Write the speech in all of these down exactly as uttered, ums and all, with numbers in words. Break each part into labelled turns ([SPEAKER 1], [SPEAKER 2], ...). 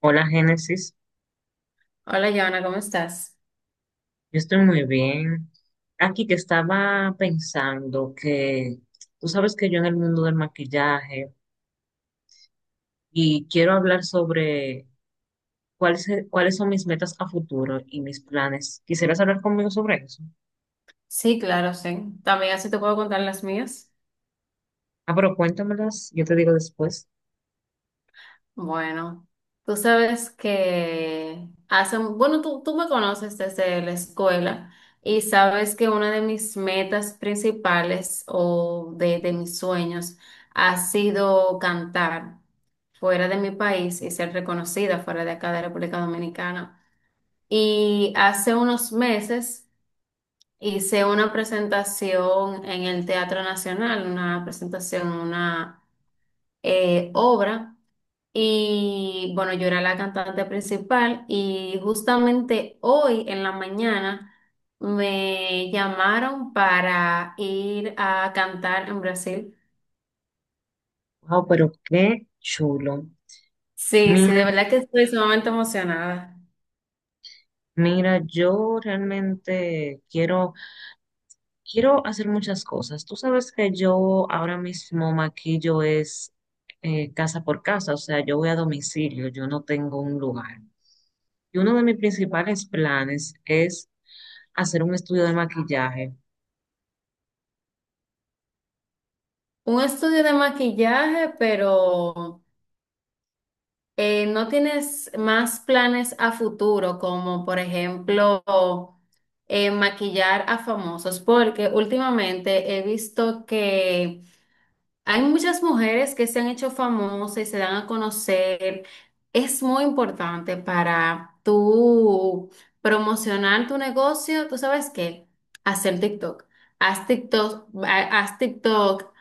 [SPEAKER 1] Hola, Génesis.
[SPEAKER 2] Hola, Joana, ¿cómo estás?
[SPEAKER 1] Yo estoy muy bien. Aquí que estaba pensando que tú sabes que yo en el mundo del maquillaje y quiero hablar sobre cuáles, cuáles son mis metas a futuro y mis planes. ¿Quisieras hablar conmigo sobre eso?
[SPEAKER 2] Sí, claro, sí. También así te puedo contar las mías.
[SPEAKER 1] Ah, pero cuéntamelas, yo te digo después.
[SPEAKER 2] Bueno, tú sabes que hace, bueno, tú, tú me conoces desde la escuela y sabes que una de mis metas principales o de, de mis sueños ha sido cantar fuera de mi país y ser reconocida fuera de acá de República Dominicana. Y hace unos meses, hice una presentación en el Teatro Nacional, una presentación, una eh, obra. Y bueno, yo era la cantante principal y justamente hoy en la mañana me llamaron para ir a cantar en Brasil.
[SPEAKER 1] Wow, pero qué chulo.
[SPEAKER 2] Sí, sí, de
[SPEAKER 1] Mira,
[SPEAKER 2] verdad que estoy sumamente emocionada.
[SPEAKER 1] mira, yo realmente quiero Quiero hacer muchas cosas. Tú sabes que yo ahora mismo maquillo es eh, casa por casa, o sea, yo voy a domicilio, yo no tengo un lugar. Y uno de mis principales planes es hacer un estudio de maquillaje.
[SPEAKER 2] Un estudio de maquillaje, pero eh, no tienes más planes a futuro, como por ejemplo, eh, maquillar a famosos, porque últimamente he visto que hay muchas mujeres que se han hecho famosas y se dan a conocer. Es muy importante para tú promocionar tu negocio. ¿Tú sabes qué? Hacer TikTok. Haz TikTok, ha- haz TikTok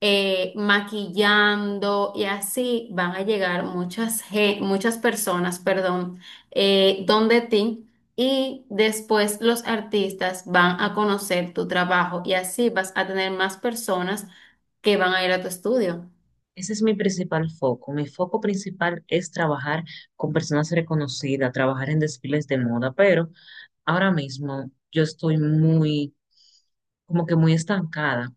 [SPEAKER 2] eh, maquillando y así van a llegar muchas, ge- muchas personas, perdón, eh, donde ti. Y después los artistas van a conocer tu trabajo y así vas a tener más personas que van a ir a tu estudio.
[SPEAKER 1] Ese es mi principal foco. Mi foco principal es trabajar con personas reconocidas, trabajar en desfiles de moda, pero ahora mismo yo estoy muy, como que muy estancada.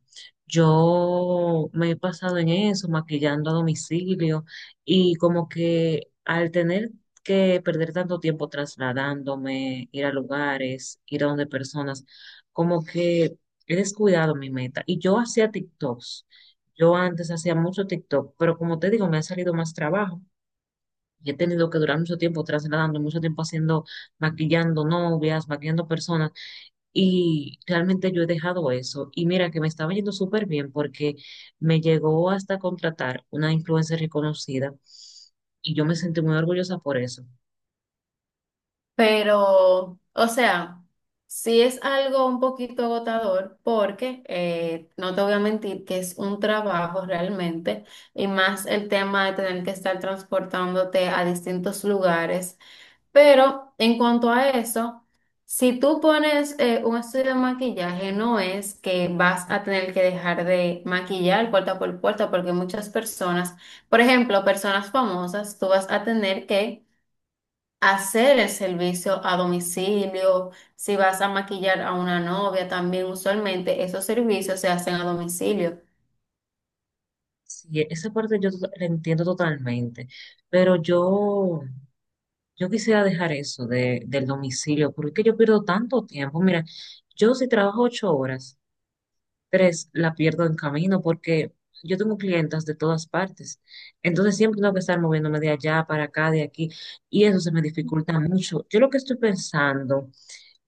[SPEAKER 1] Yo me he pasado en eso, maquillando a domicilio, y como que al tener que perder tanto tiempo trasladándome, ir a lugares, ir a donde personas, como que he descuidado mi meta. Y yo hacía TikToks. Yo antes hacía mucho TikTok, pero como te digo, me ha salido más trabajo. Y he tenido que durar mucho tiempo trasladando, mucho tiempo haciendo, maquillando novias, maquillando personas. Y realmente yo he dejado eso. Y mira que me estaba yendo súper bien porque me llegó hasta contratar una influencer reconocida. Y yo me sentí muy orgullosa por eso.
[SPEAKER 2] Pero, o sea, sí es algo un poquito agotador porque eh, no te voy a mentir que es un trabajo realmente y más el tema de tener que estar transportándote a distintos lugares. Pero en cuanto a eso, si tú pones eh, un estudio de maquillaje, no es que vas a tener que dejar de maquillar puerta por puerta, porque muchas personas, por ejemplo, personas famosas, tú vas a tener que hacer el servicio a domicilio, si vas a maquillar a una novia, también usualmente esos servicios se hacen a domicilio.
[SPEAKER 1] Sí, esa parte yo to- la entiendo totalmente. Pero yo, yo quisiera dejar eso de, del domicilio porque es que yo pierdo tanto tiempo. Mira, yo si trabajo ocho horas, tres la pierdo en camino porque yo tengo clientas de todas partes. Entonces siempre tengo que estar moviéndome de allá para acá, de aquí, y eso se me dificulta mucho. Yo lo que estoy pensando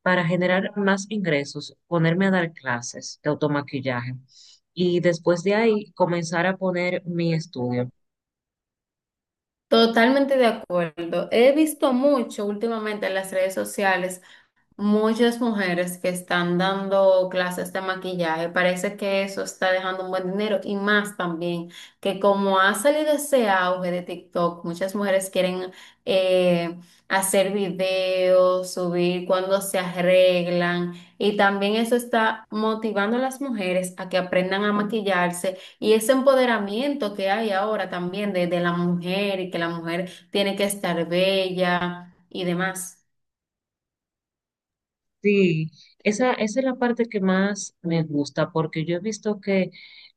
[SPEAKER 1] para generar más ingresos, ponerme a dar clases de automaquillaje y después de ahí comenzar a poner mi estudio.
[SPEAKER 2] Totalmente de acuerdo. He visto mucho últimamente en las redes sociales muchas mujeres que están dando clases de maquillaje, parece que eso está dejando un buen dinero y más también que como ha salido ese auge de TikTok, muchas mujeres quieren eh, hacer videos, subir cuando se arreglan y también eso está motivando a las mujeres a que aprendan a maquillarse y ese empoderamiento que hay ahora también de, de la mujer y que la mujer tiene que estar bella y demás.
[SPEAKER 1] Sí, esa, esa es la parte que más me gusta porque yo he visto que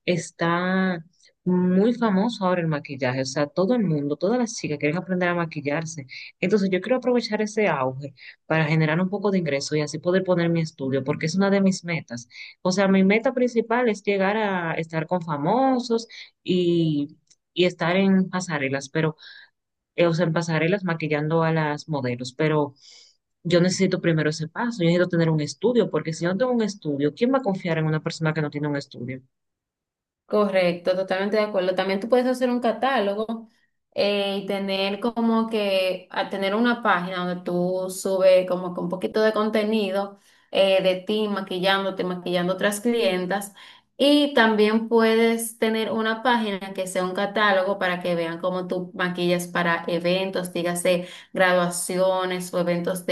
[SPEAKER 1] está muy famoso ahora el maquillaje, o sea, todo el mundo, todas las chicas quieren aprender a maquillarse. Entonces yo quiero aprovechar ese auge para generar un poco de ingreso y así poder poner mi estudio porque es una de mis metas. O sea, mi meta principal es llegar a estar con famosos y, y estar en pasarelas, pero, eh, o sea, en pasarelas maquillando a las modelos, pero yo necesito primero ese paso, yo necesito tener un estudio, porque si yo no tengo un estudio, ¿quién va a confiar en una persona que no tiene un estudio?
[SPEAKER 2] Correcto, totalmente de acuerdo. También tú puedes hacer un catálogo eh, y tener como que, a tener una página donde tú subes como que un poquito de contenido eh, de ti maquillándote, maquillando otras clientas. Y también puedes tener una página que sea un catálogo para que vean cómo tú maquillas para eventos, dígase graduaciones o eventos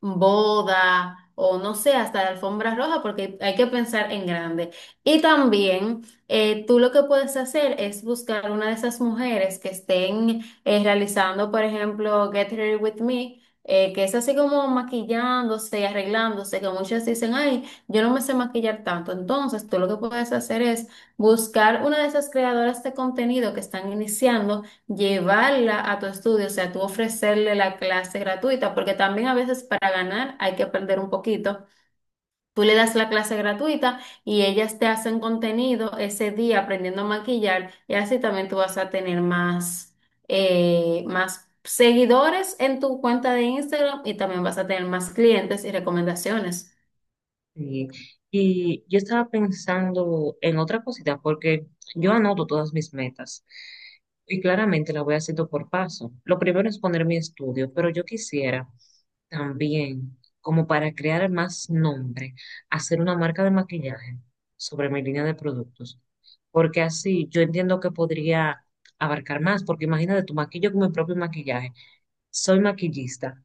[SPEAKER 2] boda o no sé, hasta de alfombra roja, porque hay que pensar en grande. Y también eh, tú lo que puedes hacer es buscar una de esas mujeres que estén eh, realizando, por ejemplo, Get Ready With Me. Eh, que es así como maquillándose y arreglándose, que muchas dicen, ay, yo no me sé maquillar tanto. Entonces, tú lo que puedes hacer es buscar una de esas creadoras de contenido que están iniciando, llevarla a tu estudio, o sea, tú ofrecerle la clase gratuita, porque también a veces para ganar hay que perder un poquito. Tú le das la clase gratuita y ellas te hacen contenido ese día aprendiendo a maquillar y así también tú vas a tener más, eh, más seguidores en tu cuenta de Instagram y también vas a tener más clientes y recomendaciones.
[SPEAKER 1] Y, y yo estaba pensando en otra cosita, porque yo anoto todas mis metas y claramente las voy haciendo por paso. Lo primero es poner mi estudio, pero yo quisiera también, como para crear más nombre, hacer una marca de maquillaje sobre mi línea de productos. Porque así yo entiendo que podría abarcar más, porque imagínate, tu maquillo con mi propio maquillaje. Soy maquillista.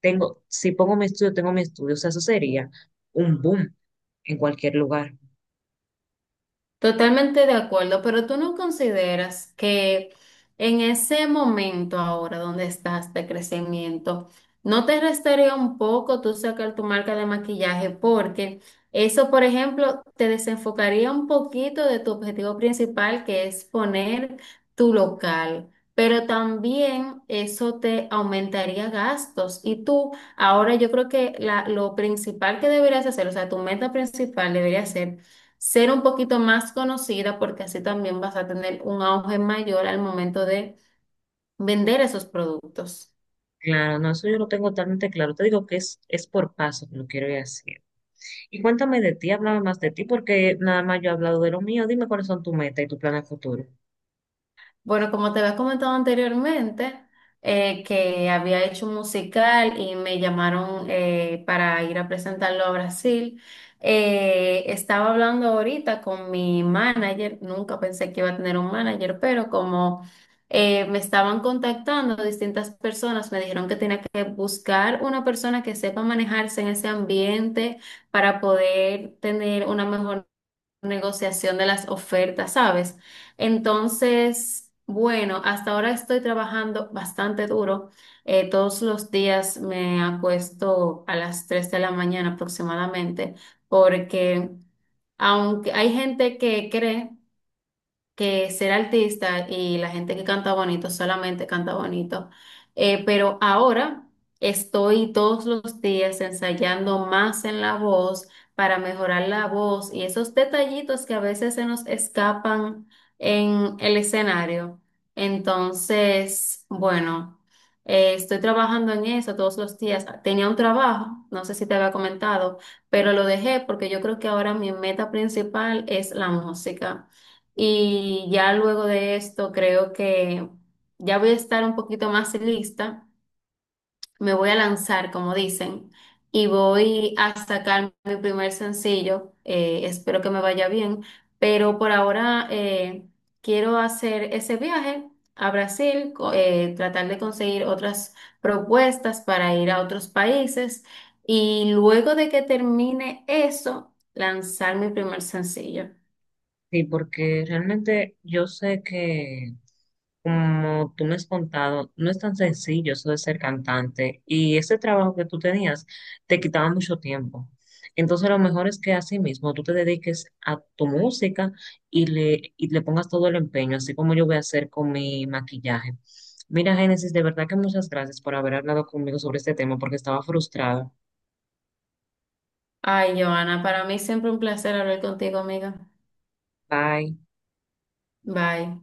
[SPEAKER 1] Tengo, si pongo mi estudio, tengo mi estudio. O sea, eso sería un boom en cualquier lugar.
[SPEAKER 2] Totalmente de acuerdo, pero tú no consideras que en ese momento ahora donde estás de crecimiento, ¿no te restaría un poco tú sacar tu marca de maquillaje? Porque eso, por ejemplo, te desenfocaría un poquito de tu objetivo principal, que es poner tu local, pero también eso te aumentaría gastos. Y tú, ahora yo creo que la- lo principal que deberías hacer, o sea, tu meta principal debería ser ser un poquito más conocida porque así también vas a tener un auge mayor al momento de vender esos productos.
[SPEAKER 1] Claro, no, eso yo lo tengo totalmente claro. Te digo que es, es por paso que lo quiero ir haciendo. Y cuéntame de ti, háblame más de ti, porque nada más yo he hablado de lo mío. Dime cuáles son tus metas y tu plan a futuro.
[SPEAKER 2] Bueno, como te había comentado anteriormente, eh, que había hecho un musical y me llamaron eh, para ir a presentarlo a Brasil. Eh, estaba hablando ahorita con mi manager, nunca pensé que iba a tener un manager, pero como eh, me estaban contactando distintas personas, me dijeron que tenía que buscar una persona que sepa manejarse en ese ambiente para poder tener una mejor negociación de las ofertas, ¿sabes? Entonces, bueno, hasta ahora estoy trabajando bastante duro. Eh, todos los días me acuesto a las tres de la mañana aproximadamente, porque aunque hay gente que cree que ser artista y la gente que canta bonito solamente canta bonito. Eh, pero ahora estoy todos los días ensayando más en la voz para mejorar la voz y esos detallitos que a veces se nos escapan en el escenario. Entonces, bueno, eh, estoy trabajando en eso todos los días. Tenía un trabajo, no sé si te había comentado, pero lo dejé porque yo creo que ahora mi meta principal es la música. Y ya luego de esto creo que ya voy a estar un poquito más lista, me voy a lanzar, como dicen, y voy a sacar mi primer sencillo. Eh, espero que me vaya bien, pero por ahora eh, quiero hacer ese viaje a Brasil, co- eh, tratar de conseguir otras propuestas para ir a otros países y luego de que termine eso, lanzar mi primer sencillo.
[SPEAKER 1] Sí, porque realmente yo sé que, como tú me has contado, no es tan sencillo eso de ser cantante y ese trabajo que tú tenías te quitaba mucho tiempo. Entonces, lo mejor es que así mismo tú te dediques a tu música y le, y le pongas todo el empeño, así como yo voy a hacer con mi maquillaje. Mira, Génesis, de verdad que muchas gracias por haber hablado conmigo sobre este tema porque estaba frustrada.
[SPEAKER 2] Ay, Joana, para mí siempre un placer hablar contigo, amiga.
[SPEAKER 1] Bye.
[SPEAKER 2] Bye.